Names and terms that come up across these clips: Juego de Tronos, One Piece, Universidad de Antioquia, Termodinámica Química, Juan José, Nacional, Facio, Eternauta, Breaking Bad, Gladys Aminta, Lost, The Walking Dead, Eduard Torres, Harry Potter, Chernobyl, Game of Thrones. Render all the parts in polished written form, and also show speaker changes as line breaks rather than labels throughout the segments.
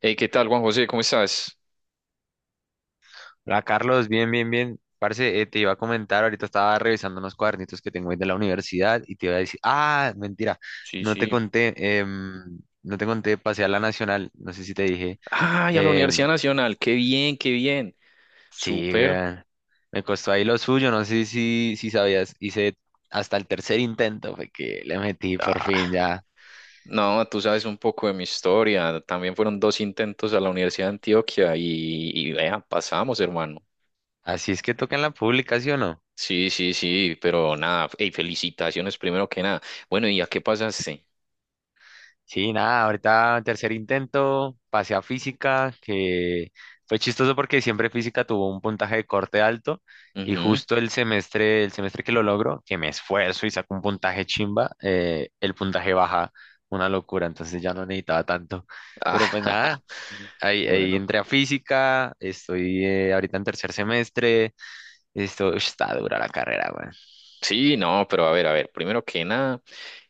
Hey, ¿qué tal, Juan José? ¿Cómo estás?
Hola Carlos, bien, bien, bien. Parce, te iba a comentar, ahorita estaba revisando unos cuadernitos que tengo ahí de la universidad y te iba a decir, ah, mentira,
Sí,
no te
sí.
conté, no te conté, pasé a la Nacional, no sé si te dije.
Ay, a la
em,
Universidad Nacional. Qué bien, qué bien.
sí,
Súper.
me costó ahí lo suyo, no sé si sabías, hice hasta el tercer intento, fue que le metí por fin
Ah,
ya.
no, tú sabes un poco de mi historia. También fueron dos intentos a la Universidad de Antioquia y vea, pasamos, hermano.
Así es que toca en la publicación, ¿no?
Sí, sí, sí, pero nada. Hey, felicitaciones primero que nada. Bueno, ¿y a qué pasaste?
Sí, nada, ahorita tercer intento, pasé a física, que fue chistoso porque siempre física tuvo un puntaje de corte alto y
Ujú.
justo el semestre que lo logro, que me esfuerzo y saco un puntaje chimba, el puntaje baja, una locura, entonces ya no necesitaba tanto. Pero pues
Ah,
nada, ahí, ahí
bueno.
entré a física, estoy ahorita en tercer semestre, esto ush, está dura la carrera, güey.
Sí, no, pero a ver, primero que nada,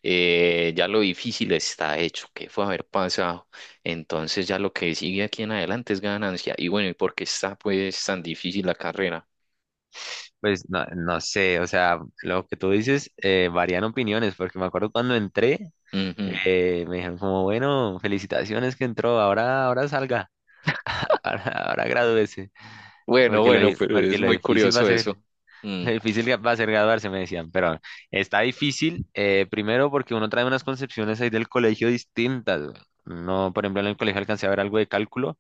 ya lo difícil está hecho, que fue haber pasado. Entonces ya lo que sigue aquí en adelante es ganancia. Y bueno, ¿y por qué está pues tan difícil la carrera?
Pues no, no sé, o sea, lo que tú dices varían opiniones, porque me acuerdo cuando entré.
Ujú.
Me dijeron como, bueno, felicitaciones que entró, ahora salga, ahora gradúese,
Bueno,
porque lo,
bueno,
di-
pero
porque
es
lo
muy
difícil va a
curioso
ser,
eso. Mm,
lo difícil que va a ser graduarse, me decían, pero está difícil, primero porque uno trae unas concepciones ahí del colegio distintas, güey. No, por ejemplo, en el colegio alcancé a ver algo de cálculo,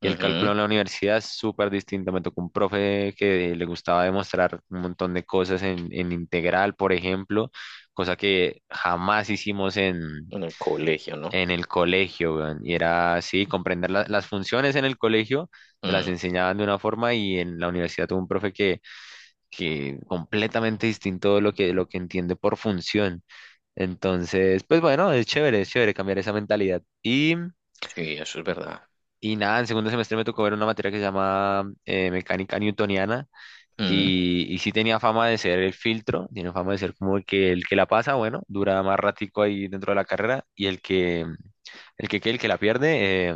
y el
ujú.
cálculo en la universidad es súper distinto, me tocó un profe que le gustaba demostrar un montón de cosas en integral, por ejemplo, cosa que jamás hicimos
En el colegio, ¿no?
en el colegio, weón. Y era así, comprender las funciones en el colegio, te las
Mm,
enseñaban de una forma y en la universidad tuve un profe que completamente distinto de lo que entiende por función. Entonces, pues bueno, es chévere cambiar esa mentalidad.
sí, eso es verdad.
Y nada, en segundo semestre me tocó ver una materia que se llama mecánica newtoniana
Mm,
y sí tenía fama de ser el filtro, tiene fama de ser como el que la pasa, bueno, dura más ratico ahí dentro de la carrera y el que la pierde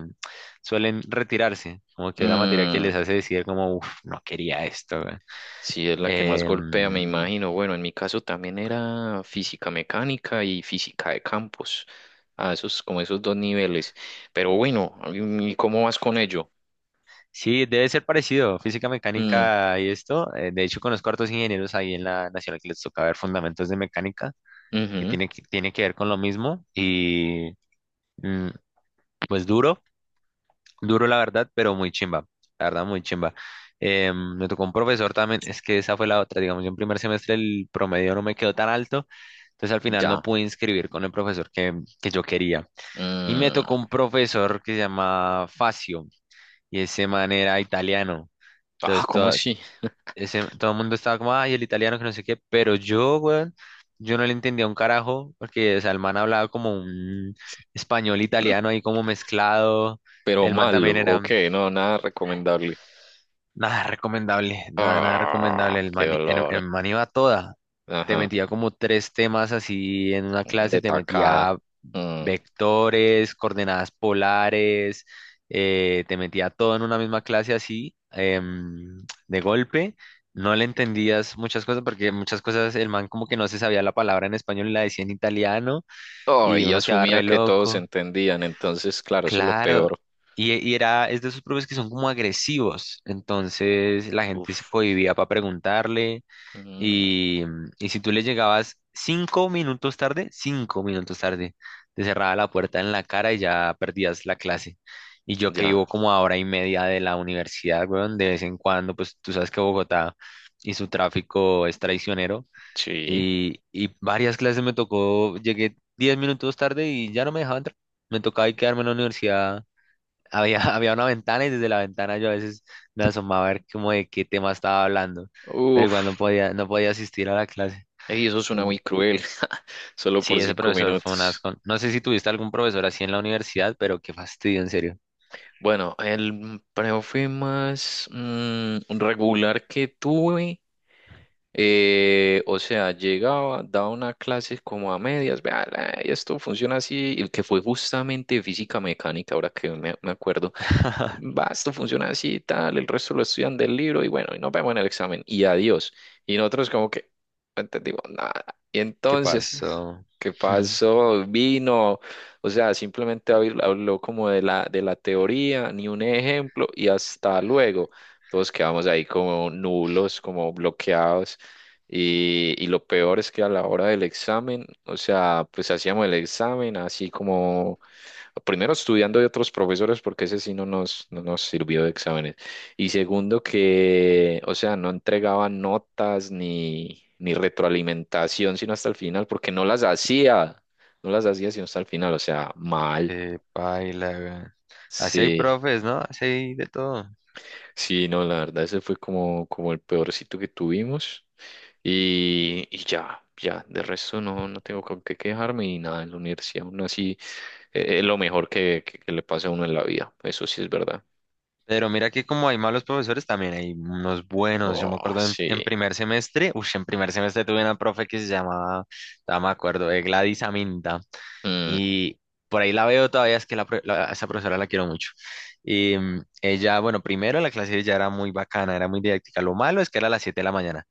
suelen retirarse, como que la materia que
mm.
les hace decir como, uff, no quería esto, güey.
Sí, es la que más
Em,
golpea, me imagino. Bueno, en mi caso también era física mecánica y física de campos. A esos, como esos dos niveles. Pero bueno, ¿y cómo vas con ello?
sí, debe ser parecido, física
Mm,
mecánica y esto. De hecho, conozco hartos ingenieros ahí en la nacional que les toca ver fundamentos de mecánica, que
ujú,
tiene que ver con lo mismo y mm, pues duro, duro la verdad, pero muy chimba, la verdad, muy chimba. Me tocó un profesor también, es que esa fue la otra, digamos, yo en primer semestre el promedio no me quedó tan alto. Entonces al final no
ya.
pude inscribir con el profesor que yo quería. Y me
Mm,
tocó un profesor que se llama Facio y ese man era italiano.
ah,
Entonces
¿cómo
todo,
así?
ese, todo el mundo estaba como, ay, el italiano que no sé qué, pero yo, weón, yo no le entendía un carajo porque o sea, el man hablaba como un español italiano ahí como mezclado.
Pero
El man
malo,
también era
ok, no, nada recomendable.
nada recomendable, nada, nada
Ah,
recomendable. El
qué
man, el, el
dolor.
man iba a toda. Te
Ajá,
metía como tres temas así en una
mm, de
clase, te
tacada.
metía
Mm.
vectores, coordenadas polares, te metía todo en una misma clase así, de golpe. No le entendías muchas cosas porque muchas cosas el man como que no se sabía la palabra en español y la decía en italiano
Oh,
y
y
uno quedaba
asumía
re
que todos
loco.
entendían, entonces, claro, eso es lo
Claro.
peor.
Y era, es de esos profes que son como agresivos. Entonces la gente se
Uf.
cohibía para preguntarle
Mm,
y, y si tú le llegabas 5 minutos tarde, 5 minutos tarde, te cerraba la puerta en la cara y ya perdías la clase. Y yo que vivo
ya,
como a hora y media de la universidad, weón, de vez en cuando, pues tú sabes que Bogotá y su tráfico es traicionero.
sí.
Y varias clases me tocó, llegué 10 minutos tarde y ya no me dejaba entrar. Me tocaba ahí quedarme en la universidad, había, había una ventana y desde la ventana yo a veces me asomaba a ver como de qué tema estaba hablando, pero
Uf,
igual no podía, no podía asistir a la clase.
ey, eso suena
En-
muy cruel, solo por
Sí, ese
cinco
profesor fue un
minutos.
asco. No sé si tuviste algún profesor así en la universidad, pero qué fastidio, en serio.
Bueno, el profe más regular que tuve, o sea, llegaba, daba una clase como a medias, vea, esto funciona así, el que fue justamente física mecánica, ahora que me acuerdo. Va, esto funciona así y tal, el resto lo estudian del libro y bueno, y nos vemos en el examen y adiós. Y nosotros como que no entendimos nada. Y
¿Qué
entonces,
pasó?
¿qué pasó? Vino, o sea, simplemente habló como de de la teoría, ni un ejemplo y hasta luego. Todos quedamos ahí como nulos, como bloqueados. Y lo peor es que a la hora del examen, o sea, pues hacíamos el examen así como primero estudiando de otros profesores porque ese sí no no nos sirvió de exámenes. Y segundo que, o sea, no entregaban notas ni retroalimentación sino hasta el final porque no las hacía, no las hacía sino hasta el final, o sea, mal.
Qué paila, weón. Así hay
Sí,
profes, ¿no? Así hay de todo.
sí, no, la verdad ese fue como, como el peorcito que tuvimos. Y ya, ya, de resto no, no tengo con qué quejarme y nada, en la universidad aún así es lo mejor que, que le pasa a uno en la vida, eso sí es verdad.
Pero mira que como hay malos profesores, también hay unos buenos. Yo
Oh,
me acuerdo en
sí.
primer semestre, uff, en primer semestre tuve una profe que se llamaba, ya me acuerdo, de Gladys Aminta.
Mm,
Y por ahí la veo todavía, es que a esa profesora la quiero mucho. Y ella, bueno, primero la clase ya era muy bacana, era muy didáctica. Lo malo es que era a las 7 de la mañana,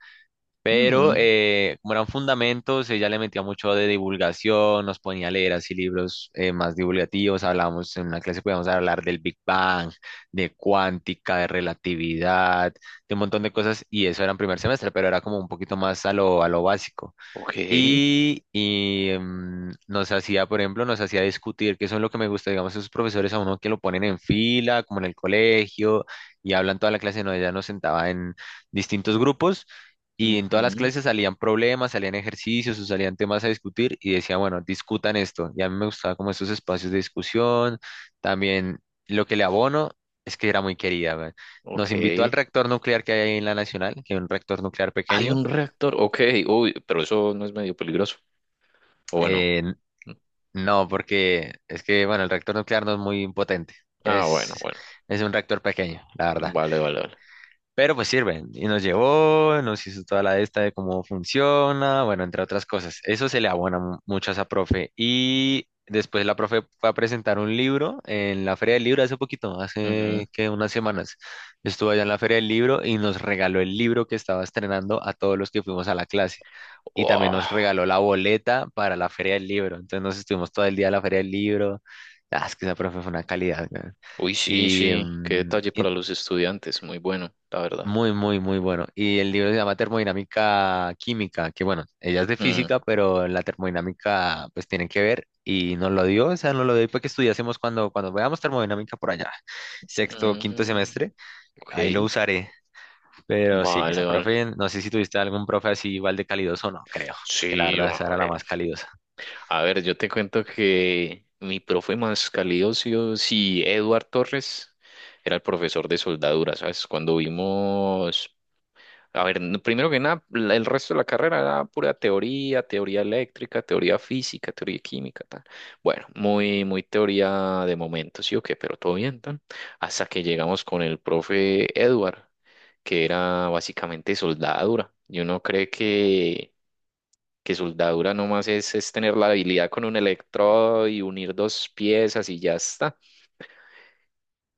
pero
mm,
como eran fundamentos, ella le metía mucho de divulgación, nos ponía a leer así libros más divulgativos. Hablábamos, en una clase podíamos hablar del Big Bang, de cuántica, de relatividad, de un montón de cosas, y eso era en primer semestre, pero era como un poquito más a lo básico.
ok.
Y, nos hacía, por ejemplo, nos hacía discutir, que eso es lo que me gusta, digamos, esos profesores a uno que lo ponen en fila, como en el colegio, y hablan toda la clase, no, ella nos sentaba en distintos grupos, y en todas las
Ujú,
clases salían problemas, salían ejercicios o salían temas a discutir, y decía, bueno, discutan esto. Y a mí me gustaba como esos espacios de discusión, también lo que le abono es que era muy querida, weón.
ok.
Nos invitó al reactor nuclear que hay ahí en la Nacional, que es un reactor nuclear
Hay
pequeño
un reactor. Ok. Uy, pero eso no es medio peligroso. O bueno.
eh,
Mm,
no, porque es que, bueno, el reactor nuclear no es muy potente.
ah, bueno,
Es,
bueno.
es un reactor pequeño, la verdad.
Vale, vale, vale.
Pero pues sirve. Y nos llevó, nos hizo toda la esta de cómo funciona, bueno, entre otras cosas. Eso se le abona mucho a esa profe. Y después la profe fue a presentar un libro en la Feria del Libro hace poquito,
Ujú.
hace que unas semanas. Estuvo allá en la Feria del Libro y nos regaló el libro que estaba estrenando a todos los que fuimos a la clase. Y también
Oh,
nos regaló la boleta para la Feria del Libro. Entonces nos estuvimos todo el día en la Feria del Libro. Ah, es que esa profe fue una calidad, weón.
uy, sí,
Y,
sí. Qué detalle
y
para los estudiantes. Muy bueno, la verdad.
muy, muy, muy bueno. Y el libro se llama Termodinámica Química, que bueno, ella es de
Mm,
física, pero la termodinámica pues tiene que ver y nos lo dio, o sea, nos lo dio para que estudiásemos cuando, cuando veamos termodinámica por allá, sexto, quinto
mm,
semestre, ahí lo
ok.
usaré. Pero sí,
Vale,
esa
vale.
profe, no sé si tuviste algún profe así igual de calidoso o no, creo, porque la
Sí,
verdad
a
esa era la
ver.
más calidosa.
A ver, yo te cuento que mi profe más calidoso, sí, Eduard Torres, era el profesor de soldadura, ¿sabes? Cuando vimos, a ver, primero que nada, el resto de la carrera era pura teoría, teoría eléctrica, teoría física, teoría química, tal. Bueno, muy, muy teoría de momento, sí o qué, pero todo bien, tan. Hasta que llegamos con el profe Eduard, que era básicamente soldadura. Y uno cree que soldadura nomás es tener la habilidad con un electrodo y unir dos piezas y ya está.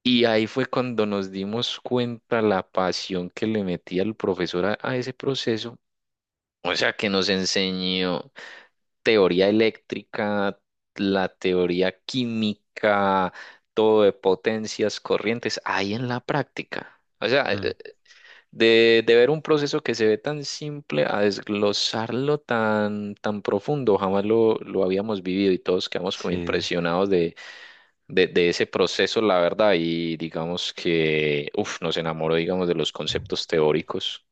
Y ahí fue cuando nos dimos cuenta la pasión que le metía el profesor a ese proceso. O sea, que nos enseñó teoría eléctrica, la teoría química, todo de potencias, corrientes, ahí en la práctica. O sea,
Mm,
de ver un proceso que se ve tan simple a desglosarlo tan, tan profundo, jamás lo habíamos vivido y todos quedamos como
sí,
impresionados de ese proceso, la verdad, y digamos que uf, nos enamoró, digamos, de los conceptos teóricos,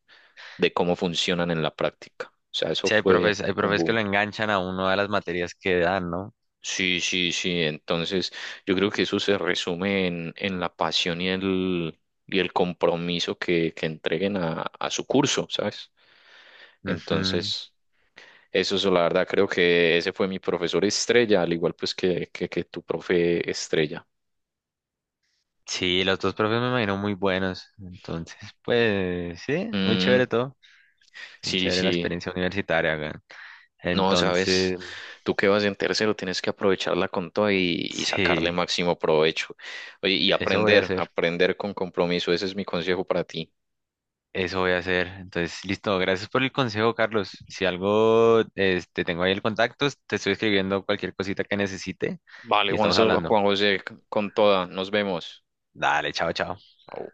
de cómo funcionan en la práctica. O sea, eso
sí,
fue
hay
un
profes que
boom.
lo enganchan a uno de las materias que dan, ¿no?
Sí, sí, sí, entonces yo creo que eso se resume en la pasión y el compromiso que entreguen a su curso, ¿sabes?
Ujú.
Entonces... Eso es la verdad, creo que ese fue mi profesor estrella, al igual pues que tu profe estrella.
Sí, los dos profes me imagino muy buenos. Entonces, pues sí, muy
Mm,
chévere todo. Muy
sí,
chévere la
sí,
experiencia universitaria acá.
no, sabes,
Entonces,
tú que vas en tercero tienes que aprovecharla con todo y sacarle
sí,
máximo provecho. Oye, y
eso voy a
aprender,
hacer.
aprender con compromiso, ese es mi consejo para ti.
Eso voy a hacer. Entonces, listo. Gracias por el consejo, Carlos. Si algo, este, tengo ahí el contacto, te estoy escribiendo cualquier cosita que necesite
Vale,
y
Juan,
estamos hablando.
Juan José, con toda, nos vemos.
Dale, chao, chao.
Au.